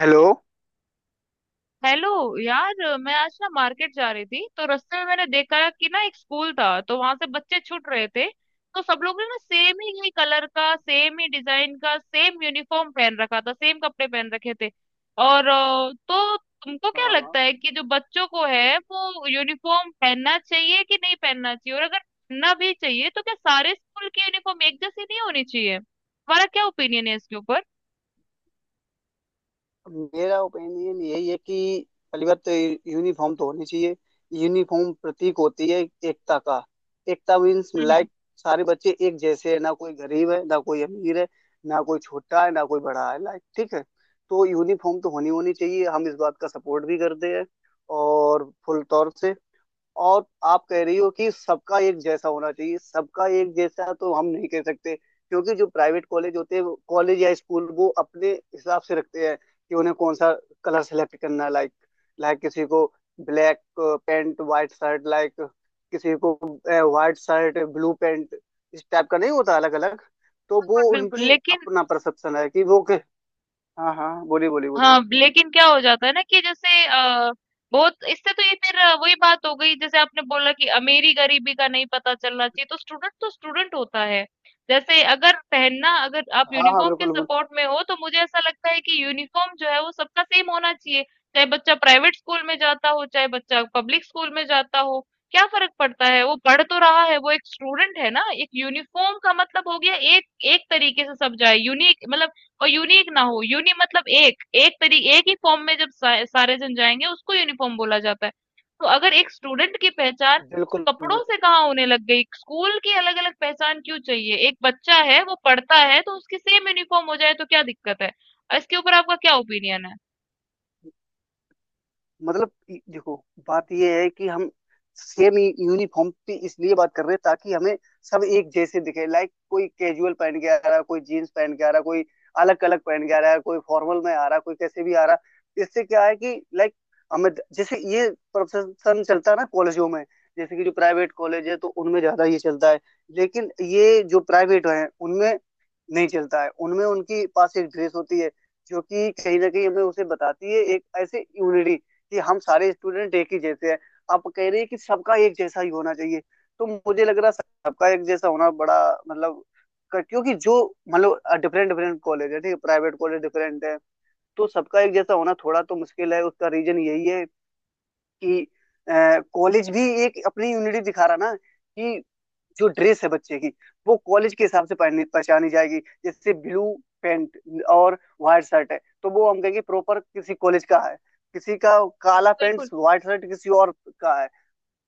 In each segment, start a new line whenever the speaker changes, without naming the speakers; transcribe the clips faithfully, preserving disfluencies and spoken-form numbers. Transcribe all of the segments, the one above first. Hello.
Hello. यार, मैं आज ना मार्केट जा रही थी तो रास्ते में मैंने देखा कि ना एक स्कूल था। तो वहां से बच्चे छूट रहे थे। तो सब लोग ने ना सेम ही कलर का, सेम ही डिजाइन का, सेम यूनिफॉर्म पहन रखा था, सेम कपड़े पहन रखे थे। और अ, तो तुमको क्या
हाँ,
लगता है कि जो बच्चों को है वो यूनिफॉर्म पहनना चाहिए कि नहीं पहनना चाहिए? और अगर पहनना भी चाहिए तो क्या सारे स्कूल की यूनिफॉर्म एक जैसी नहीं होनी चाहिए? तुम्हारा क्या ओपिनियन है इसके ऊपर?
मेरा ओपिनियन यही है कि पहली बात तो यूनिफॉर्म तो होनी चाहिए। यूनिफॉर्म प्रतीक होती है एकता का। एकता मीन्स
हम्म।
लाइक सारे बच्चे एक जैसे हैं, ना कोई गरीब है ना कोई अमीर है, ना कोई छोटा है ना कोई बड़ा है, लाइक ठीक है। तो यूनिफॉर्म तो होनी होनी चाहिए, हम इस बात का सपोर्ट भी करते हैं और फुल तौर से। और आप कह रही हो कि सबका एक जैसा होना चाहिए, सबका एक जैसा तो हम नहीं कह सकते, क्योंकि जो प्राइवेट कॉलेज होते हैं, कॉलेज या स्कूल, वो अपने हिसाब से रखते हैं कि उन्हें कौन सा कलर सेलेक्ट करना है। लाइक लाइक किसी को black pant white shirt, like किसी को वाइट शर्ट ब्लू पैंट, इस टाइप का नहीं होता, अलग अलग। तो वो
बिल्कुल, बिल्कुल।
उनकी
लेकिन
अपना परसेप्शन है कि वो के। हाँ हाँ, बोलिए बोलिए बोलिए।
हाँ, लेकिन क्या हो जाता है ना कि जैसे अ, बहुत इससे तो ये फिर अ, वही बात हो गई, जैसे आपने बोला कि अमीरी गरीबी का नहीं पता चलना चाहिए। तो स्टूडेंट तो स्टूडेंट होता है। जैसे अगर पहनना, अगर आप
हाँ हाँ,
यूनिफॉर्म के
बिल्कुल
सपोर्ट में हो, तो मुझे ऐसा लगता है कि यूनिफॉर्म जो है वो सबका सेम होना चाहिए। चाहे बच्चा प्राइवेट स्कूल में जाता हो, चाहे बच्चा पब्लिक स्कूल में जाता हो, क्या फर्क पड़ता है? वो पढ़ तो रहा है, वो एक स्टूडेंट है ना। एक यूनिफॉर्म का मतलब हो गया, एक एक तरीके से सब जाए। यूनिक मतलब, और यूनिक ना हो, यूनि मतलब एक, एक तरी एक ही फॉर्म में जब सा, सारे जन जाएंगे, उसको यूनिफॉर्म बोला जाता है। तो अगर एक स्टूडेंट की पहचान
बिल्कुल।
कपड़ों से कहाँ होने लग गई? स्कूल की अलग अलग पहचान क्यों चाहिए? एक बच्चा है वो पढ़ता है, तो उसकी सेम यूनिफॉर्म हो जाए तो क्या दिक्कत है? इसके ऊपर आपका क्या ओपिनियन है?
मतलब इ- देखो बात यह है कि हम सेम यूनिफॉर्म पे इसलिए बात कर रहे हैं ताकि हमें सब एक जैसे दिखे। लाइक कोई कैजुअल पहन के आ रहा है, कोई जीन्स पहन के आ रहा है, कोई अलग अलग पहन के आ रहा है, कोई फॉर्मल में आ रहा है, कोई कैसे भी आ रहा है। इससे क्या है कि लाइक हमें जैसे ये प्रोफेशन चलता है ना कॉलेजों में। जैसे कि जो प्राइवेट कॉलेज है तो उनमें ज्यादा ये चलता है, लेकिन ये जो प्राइवेट है उनमें नहीं चलता है। उनमें उनके पास एक ड्रेस होती है जो कि कहीं ना कहीं हमें उसे बताती है एक ऐसे यूनिटी कि हम सारे स्टूडेंट एक ही जैसे हैं। आप कह रहे हैं कि सबका एक जैसा ही होना चाहिए, तो मुझे लग रहा है सबका एक जैसा होना बड़ा, मतलब क- क्योंकि जो, मतलब डिफरेंट डिफरेंट कॉलेज है, ठीक है, प्राइवेट कॉलेज डिफरेंट है। तो सबका एक जैसा होना थोड़ा तो मुश्किल है, उसका रीजन यही है कि कॉलेज भी एक अपनी यूनिटी दिखा रहा ना, कि जो ड्रेस है बच्चे की वो कॉलेज के हिसाब से पहनी- पहचानी जाएगी। जैसे ब्लू पैंट और व्हाइट शर्ट है तो वो हम कहेंगे प्रॉपर किसी कॉलेज का है, किसी का काला पैंट
बिल्कुल।
व्हाइट शर्ट किसी और का है।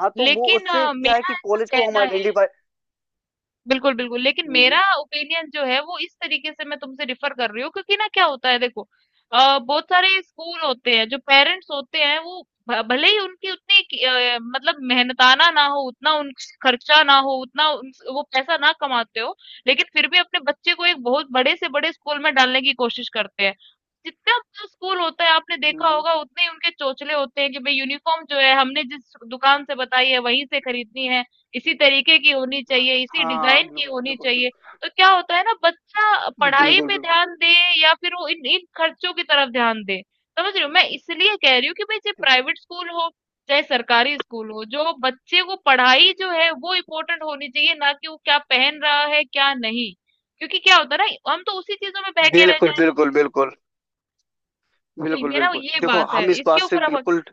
हाँ, तो वो
लेकिन
उससे
अ,
क्या है
मेरा
कि
ऐसा
कॉलेज को हम
कहना,
आइडेंटिफाई।
बिल्कुल, बिल्कुल। लेकिन मेरा
हम्म।
ओपिनियन जो है वो इस तरीके से मैं तुमसे डिफर कर रही हूँ, क्योंकि ना क्या होता है, देखो अ, बहुत सारे स्कूल होते हैं, जो पेरेंट्स होते हैं वो भ भले ही उनकी उतनी कि अ, मतलब मेहनताना ना हो, उतना उन खर्चा ना हो, उतना उन वो पैसा ना कमाते हो, लेकिन फिर भी अपने बच्चे को एक बहुत बड़े से बड़े स्कूल में डालने की कोशिश करते हैं। जितना बड़ा स्कूल होता है आपने देखा
हम्म,
होगा उतने ही उनके चोचले होते हैं कि भाई यूनिफॉर्म जो है हमने जिस दुकान से बताई है वहीं से खरीदनी है। इसी तरीके की होनी
हाँ
चाहिए, इसी डिजाइन
हाँ,
की
बिल्कुल
होनी
बिल्कुल
चाहिए।
बिल्कुल।
तो क्या होता है ना, बच्चा पढ़ाई
बिल्कुल
पे
बिल्कुल
ध्यान दे या फिर वो इन इन खर्चों की तरफ ध्यान दे। समझ रहे हो? मैं इसलिए कह रही हूँ कि भाई चाहे
देखो,
प्राइवेट स्कूल हो, चाहे सरकारी स्कूल हो, जो बच्चे को पढ़ाई जो है वो इम्पोर्टेंट होनी चाहिए, ना कि वो क्या पहन रहा है, क्या नहीं। क्योंकि क्या होता है ना, हम तो उसी चीजों में बहके रह
बिल्कुल
जाएंगे।
बिल्कुल बिल्कुल।
तो
बिल्कुल
मेरा
बिल्कुल
ये
देखो,
बात है,
हम इस
इसके
बात से
ऊपर आप।
बिल्कुल।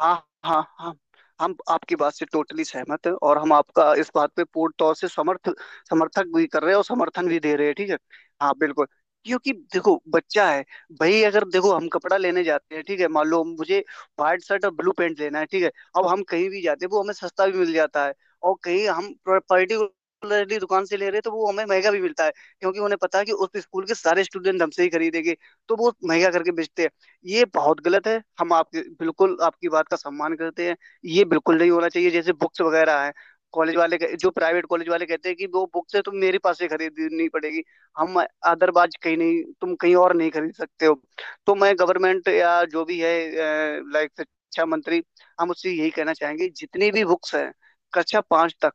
हाँ हाँ हाँ, हम आपकी बात से टोटली सहमत हैं और हम आपका इस बात पे पूर्ण तौर से समर्थ, समर्थक भी कर रहे हैं और समर्थन भी दे रहे हैं, ठीक है। हाँ बिल्कुल। क्योंकि देखो, बच्चा है भाई, अगर देखो हम कपड़ा लेने जाते हैं, ठीक है, मान लो मुझे व्हाइट शर्ट और ब्लू पैंट लेना है, ठीक है। अब हम कहीं भी जाते हैं वो हमें सस्ता भी मिल जाता है, और कहीं हम पर्टिकुलरली दुकान से ले रहे हैं तो वो हमें महंगा भी मिलता है, क्योंकि उन्हें पता है कि उस स्कूल के सारे स्टूडेंट हमसे ही खरीदेंगे तो वो महंगा करके बेचते हैं। ये बहुत गलत है, हम आपके, बिल्कुल आपकी बात का सम्मान करते हैं। ये बिल्कुल नहीं होना चाहिए। जैसे बुक्स वगैरह हैं, कॉलेज वाले कह- जो प्राइवेट कॉलेज वाले कहते हैं कि वो बुक्स है तुम मेरे पास से खरीदनी पड़ेगी, हम, अदरवाइज कहीं नहीं, तुम कहीं और नहीं खरीद सकते हो। तो मैं गवर्नमेंट या जो भी है लाइक शिक्षा मंत्री, हम उससे यही कहना चाहेंगे, जितनी भी बुक्स हैं कक्षा पांच तक,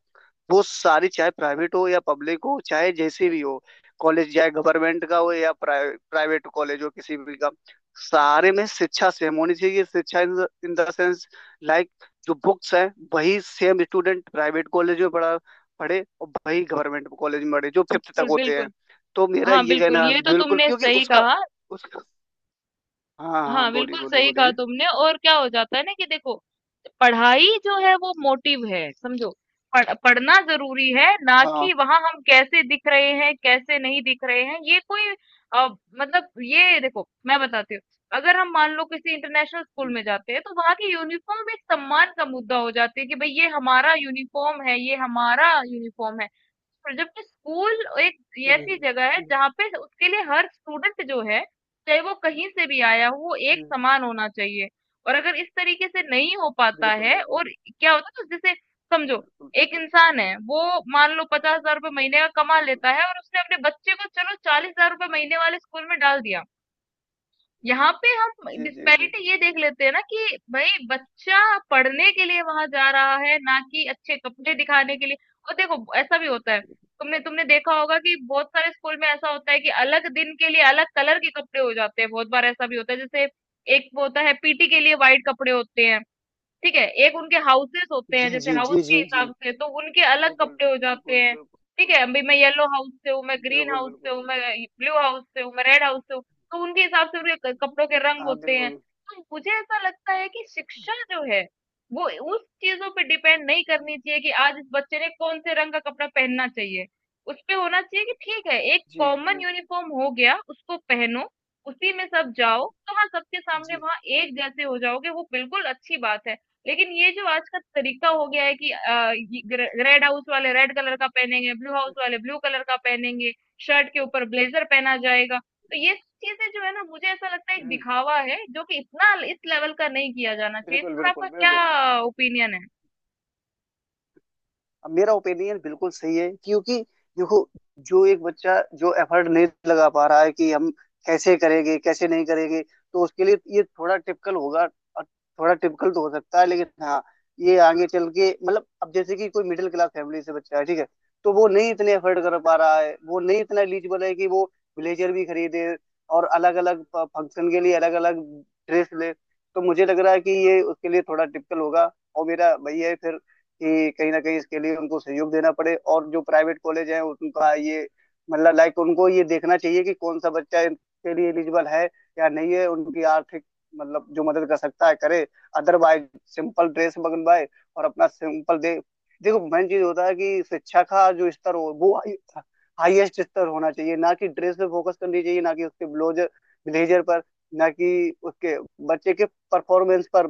वो सारी चाहे प्राइवेट हो या पब्लिक हो, चाहे जैसे भी हो, कॉलेज चाहे गवर्नमेंट का हो या प्राइवेट कॉलेज हो, किसी भी का, सारे में शिक्षा सेम होनी चाहिए। शिक्षा इन द सेंस लाइक जो बुक्स है वही सेम, स्टूडेंट प्राइवेट कॉलेज में पढ़ा पढ़े और वही गवर्नमेंट कॉलेज में पढ़े, जो फिफ्थ तक
बिल्कुल,
होते हैं।
बिल्कुल।
तो मेरा
हाँ,
ये
बिल्कुल,
कहना है,
ये तो
बिल्कुल,
तुमने
क्योंकि
सही
उसका,
कहा।
उसका। हाँ हाँ,
हाँ,
बोलिए
बिल्कुल
बोलिए
सही कहा
बोलिए।
तुमने। और क्या हो जाता है ना कि देखो, पढ़ाई जो है वो मोटिव है, समझो। पढ़, पढ़ना जरूरी है, ना कि
हाँ।
वहां हम कैसे दिख रहे हैं, कैसे नहीं दिख रहे हैं, ये कोई। अ, मतलब ये देखो मैं बताती हूँ, अगर हम मान लो किसी इंटरनेशनल स्कूल
हम्म।
में जाते हैं तो वहां की यूनिफॉर्म एक सम्मान का मुद्दा हो जाती है कि भाई ये हमारा यूनिफॉर्म है, ये हमारा यूनिफॉर्म है। और जबकि स्कूल एक ऐसी
हम्म।
जगह है जहाँ पे उसके लिए हर स्टूडेंट जो है, चाहे वो कहीं से भी आया हो, वो एक
हम्म।
समान होना चाहिए। और अगर इस तरीके से नहीं हो पाता
बिल्कुल
है,
बिल्कुल
और क्या होता है ना, जैसे समझो
बिल्कुल
एक
बिल्कुल।
इंसान है, वो मान लो
हाँ।
पचास हजार रुपये महीने का
जी
कमा
जी
लेता है, और उसने अपने बच्चे को चलो चालीस हजार रुपये महीने वाले स्कूल में डाल दिया। यहाँ पे हम
जी जी जी।
डिस्पैरिटी ये देख लेते हैं ना कि भाई बच्चा पढ़ने के लिए वहां जा रहा है, ना कि अच्छे कपड़े दिखाने के लिए। और देखो ऐसा भी होता है, तुमने तुमने देखा होगा कि बहुत सारे स्कूल में ऐसा होता है कि अलग दिन के लिए अलग कलर के कपड़े हो जाते हैं। बहुत बार ऐसा भी होता है, जैसे एक वो होता है पीटी के लिए वाइट कपड़े होते हैं, ठीक है, एक उनके हाउसेस होते
जी
हैं। जैसे
जी
हाउस
जी
के
जी जी।
हिसाब से तो उनके अलग
बिल्कुल
कपड़े हो जाते
बिल्कुल
हैं, ठीक
बिल्कुल।
है। अभी मैं येलो हाउस से हूँ, मैं ग्रीन
बिल्कुल
हाउस से
बिल्कुल
हूँ, मैं
बिल्कुल।
ब्लू हाउस से हूँ, मैं रेड हाउस से हूँ। तो उनके हिसाब से उनके क- कपड़ों के रंग
हाँ
होते हैं।
बिल्कुल।
तो मुझे ऐसा लगता है कि शिक्षा जो है वो उस चीजों पे डिपेंड नहीं करनी चाहिए कि आज इस बच्चे ने कौन से रंग का कपड़ा पहनना चाहिए। उस पे होना चाहिए कि ठीक है, एक
जी जी
कॉमन
जी
यूनिफॉर्म हो गया, उसको पहनो, उसी में सब जाओ। तो हाँ, सबके सामने
जी।
वहां एक जैसे हो जाओगे, वो बिल्कुल अच्छी बात है। लेकिन ये जो आज का तरीका हो गया है कि अ, ये ग्रे- रेड हाउस वाले रेड कलर का पहनेंगे, ब्लू हाउस वाले ब्लू कलर का पहनेंगे, शर्ट के ऊपर ब्लेजर पहना जाएगा, तो ये चीजें जो है ना, मुझे ऐसा लगता है एक
हम्म,
दिखावा है, जो कि इतना इस लेवल का नहीं किया जाना चाहिए। इस
बिल्कुल
पर आपका
बिल्कुल बिल्कुल।
क्या ओपिनियन है?
अब मेरा ओपिनियन बिल्कुल सही है, क्योंकि देखो, जो एक बच्चा जो एफर्ट नहीं लगा पा रहा है कि हम कैसे करेंगे कैसे नहीं करेंगे, तो उसके लिए ये थोड़ा टिपिकल होगा। और थोड़ा टिपिकल तो हो सकता है, लेकिन हाँ, ये आगे चल के, मतलब, अब जैसे कि कोई मिडिल क्लास फैमिली से बच्चा है, ठीक है, तो वो नहीं इतने एफर्ट कर पा रहा है, वो नहीं इतना एलिजिबल है कि वो ब्लेजर भी खरीदे और अलग अलग फंक्शन के लिए अलग अलग ड्रेस ले। तो मुझे लग रहा है कि ये उसके लिए थोड़ा टिपिकल होगा। और मेरा भैया फिर, कि कहीं ना कहीं इसके लिए उनको सहयोग देना पड़े, और जो प्राइवेट कॉलेज हैं उनका ये, मतलब लाइक उनको ये देखना चाहिए कि कौन सा बच्चा इनके लिए एलिजिबल है या नहीं है, उनकी आर्थिक, मतलब जो मदद कर सकता है करे, अदरवाइज सिंपल ड्रेस बनवाए और अपना सिंपल दे। देखो मेन चीज होता है कि शिक्षा का जो स्तर हो, वो हाईएस्ट स्तर होना चाहिए, ना कि ड्रेस पे फोकस करनी चाहिए, ना कि उसके ब्लाउजर, ब्लेजर पर, ना कि उसके, बच्चे के, परफॉर्मेंस पर।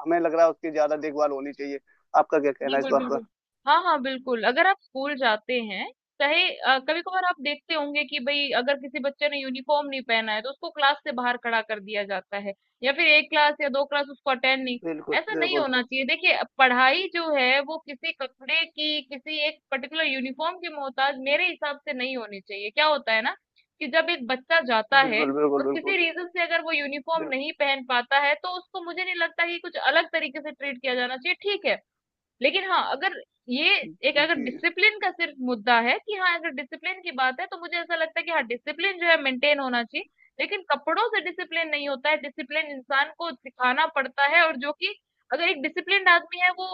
हमें लग रहा है उसकी ज्यादा देखभाल होनी चाहिए। आपका क्या कहना है इस
बिल्कुल,
बात पर?
बिल्कुल। हाँ, हाँ, बिल्कुल। अगर आप स्कूल जाते हैं, चाहे अ, कभी-कभार आप देखते होंगे कि भई अगर किसी बच्चे ने यूनिफॉर्म नहीं पहना है, तो उसको क्लास से बाहर खड़ा कर दिया जाता है, या फिर एक क्लास या दो क्लास उसको अटेंड नहीं।
बिल्कुल
ऐसा नहीं
बिल्कुल
होना चाहिए। देखिए अ, पढ़ाई जो है वो किसी कपड़े की, किसी एक पर्टिकुलर यूनिफॉर्म की मोहताज मेरे हिसाब से नहीं होनी चाहिए। क्या होता है ना कि जब एक बच्चा जाता है
बिल्कुल। बिल्कुल
और
बिल्कुल,
किसी रीज़न से अगर वो यूनिफॉर्म
बिल,
नहीं पहन पाता है, तो उसको मुझे नहीं लगता कि कुछ अलग तरीके से ट्रीट किया जाना चाहिए। ठीक है, लेकिन हाँ, अगर ये एक, अगर
जी
डिसिप्लिन का सिर्फ मुद्दा है, कि हाँ अगर डिसिप्लिन की बात है, तो मुझे ऐसा लगता है कि हाँ, डिसिप्लिन जो है मेंटेन होना चाहिए। लेकिन कपड़ों से डिसिप्लिन नहीं होता है, डिसिप्लिन इंसान को सिखाना पड़ता है। और जो कि अगर एक डिसिप्लिन्ड आदमी है, वो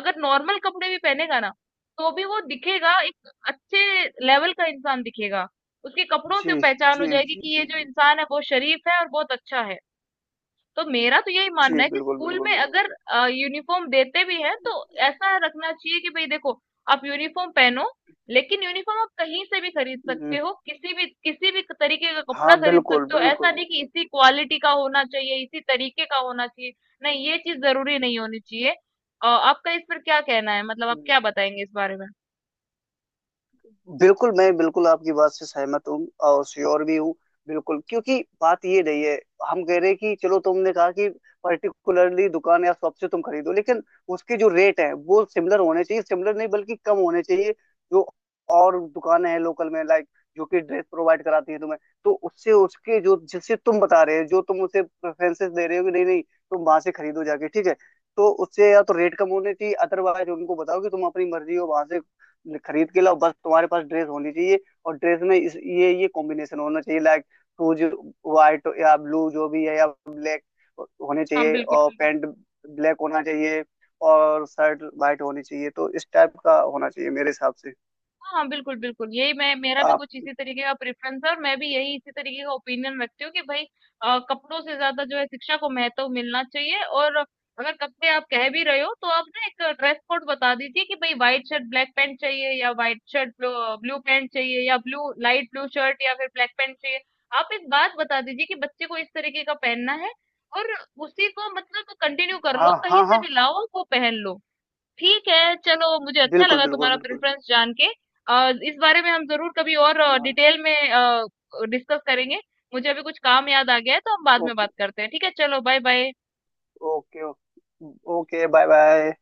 अगर नॉर्मल कपड़े भी पहनेगा ना, तो भी वो दिखेगा, एक अच्छे लेवल का इंसान दिखेगा। उसके कपड़ों
जी
से पहचान हो
जी
जाएगी
जी
कि
जी
ये जो
जी
इंसान है बहुत शरीफ है और बहुत अच्छा है। तो मेरा तो यही मानना
जी।
है कि
बिल्कुल
स्कूल
बिल्कुल
में
बिल्कुल।
अगर यूनिफॉर्म देते भी हैं तो ऐसा रखना चाहिए कि भाई देखो, आप यूनिफॉर्म पहनो, लेकिन यूनिफॉर्म आप कहीं से भी खरीद सकते
हम्म,
हो, किसी भी किसी भी तरीके का कपड़ा
हाँ
खरीद
बिल्कुल
सकते हो। ऐसा
बिल्कुल।
नहीं कि इसी क्वालिटी का होना चाहिए, इसी तरीके का होना चाहिए। नहीं, ये चीज जरूरी नहीं होनी चाहिए। अ, आपका इस पर क्या कहना है? मतलब आप क्या बताएंगे इस बारे में?
बिल्कुल मैं बिल्कुल आपकी बात से सहमत हूँ और श्योर भी हूँ। बिल्कुल, क्योंकि बात ये नहीं है। हम कह रहे हैं कि चलो तुमने कहा कि पर्टिकुलरली दुकान या शॉप से तुम खरीदो, लेकिन उसके जो रेट है वो सिमिलर होने चाहिए, सिमिलर नहीं बल्कि कम होने चाहिए, जो और दुकानें हैं लोकल में लाइक, जो कि ड्रेस प्रोवाइड कराती है तुम्हें। तो उससे उसके जो, जिससे तुम बता रहे हो, जो तुम उसे प्रेफरेंसेस दे रहे हो कि नहीं नहीं तुम वहां से खरीदो जाके, ठीक है, तो उससे या तो रेट कम होने चाहिए, अदरवाइज उनको बताओ कि तुम अपनी मर्जी हो वहां से खरीद के लाओ, बस तुम्हारे पास ड्रेस होनी चाहिए। और ड्रेस में इस ये ये कॉम्बिनेशन होना चाहिए लाइक, शूज व्हाइट या ब्लू जो भी है या ब्लैक होने
हाँ,
चाहिए,
बिल्कुल
और
बिल्कुल।
पैंट ब्लैक होना चाहिए, और शर्ट व्हाइट होनी चाहिए, तो इस टाइप का होना चाहिए मेरे हिसाब से।
हाँ, हाँ, बिल्कुल, बिल्कुल। यही मैं, मेरा भी
आप,
कुछ इसी तरीके का प्रेफ़रेंस है, और मैं भी यही इसी तरीके का ओपिनियन रखती हूँ कि भई अ, कपड़ों से ज़्यादा जो है शिक्षा को महत्व मिलना चाहिए। और अगर कपड़े आप कह भी रहे हो, तो आप ना एक ड्रेस कोड बता दीजिए कि भई व्हाइट शर्ट ब्लैक पैंट चाहिए, या व्हाइट शर्ट ब्लू अ, ब्लू पैंट चाहिए, या ब्लू लाइट ब्लू शर्ट या फिर ब्लैक पैंट चाहिए। आप एक बात बता दीजिए कि बच्चे को इस तरीके का पहनना है, और उसी को मतलब कंटिन्यू कर
हाँ
लो, कहीं
हाँ
से
हाँ,
भी लाओ, वो पहन लो। ठीक है, चलो मुझे अच्छा
बिल्कुल
लगा
बिल्कुल
तुम्हारा
बिल्कुल।
प्रेफरेंस जान के। और इस बारे में हम जरूर कभी और डिटेल में डिस्कस करेंगे। मुझे अभी कुछ काम याद आ गया है तो हम बाद में
ओके।
बात करते हैं, ठीक है? चलो, bye bye.
Okay. Okay, bye bye.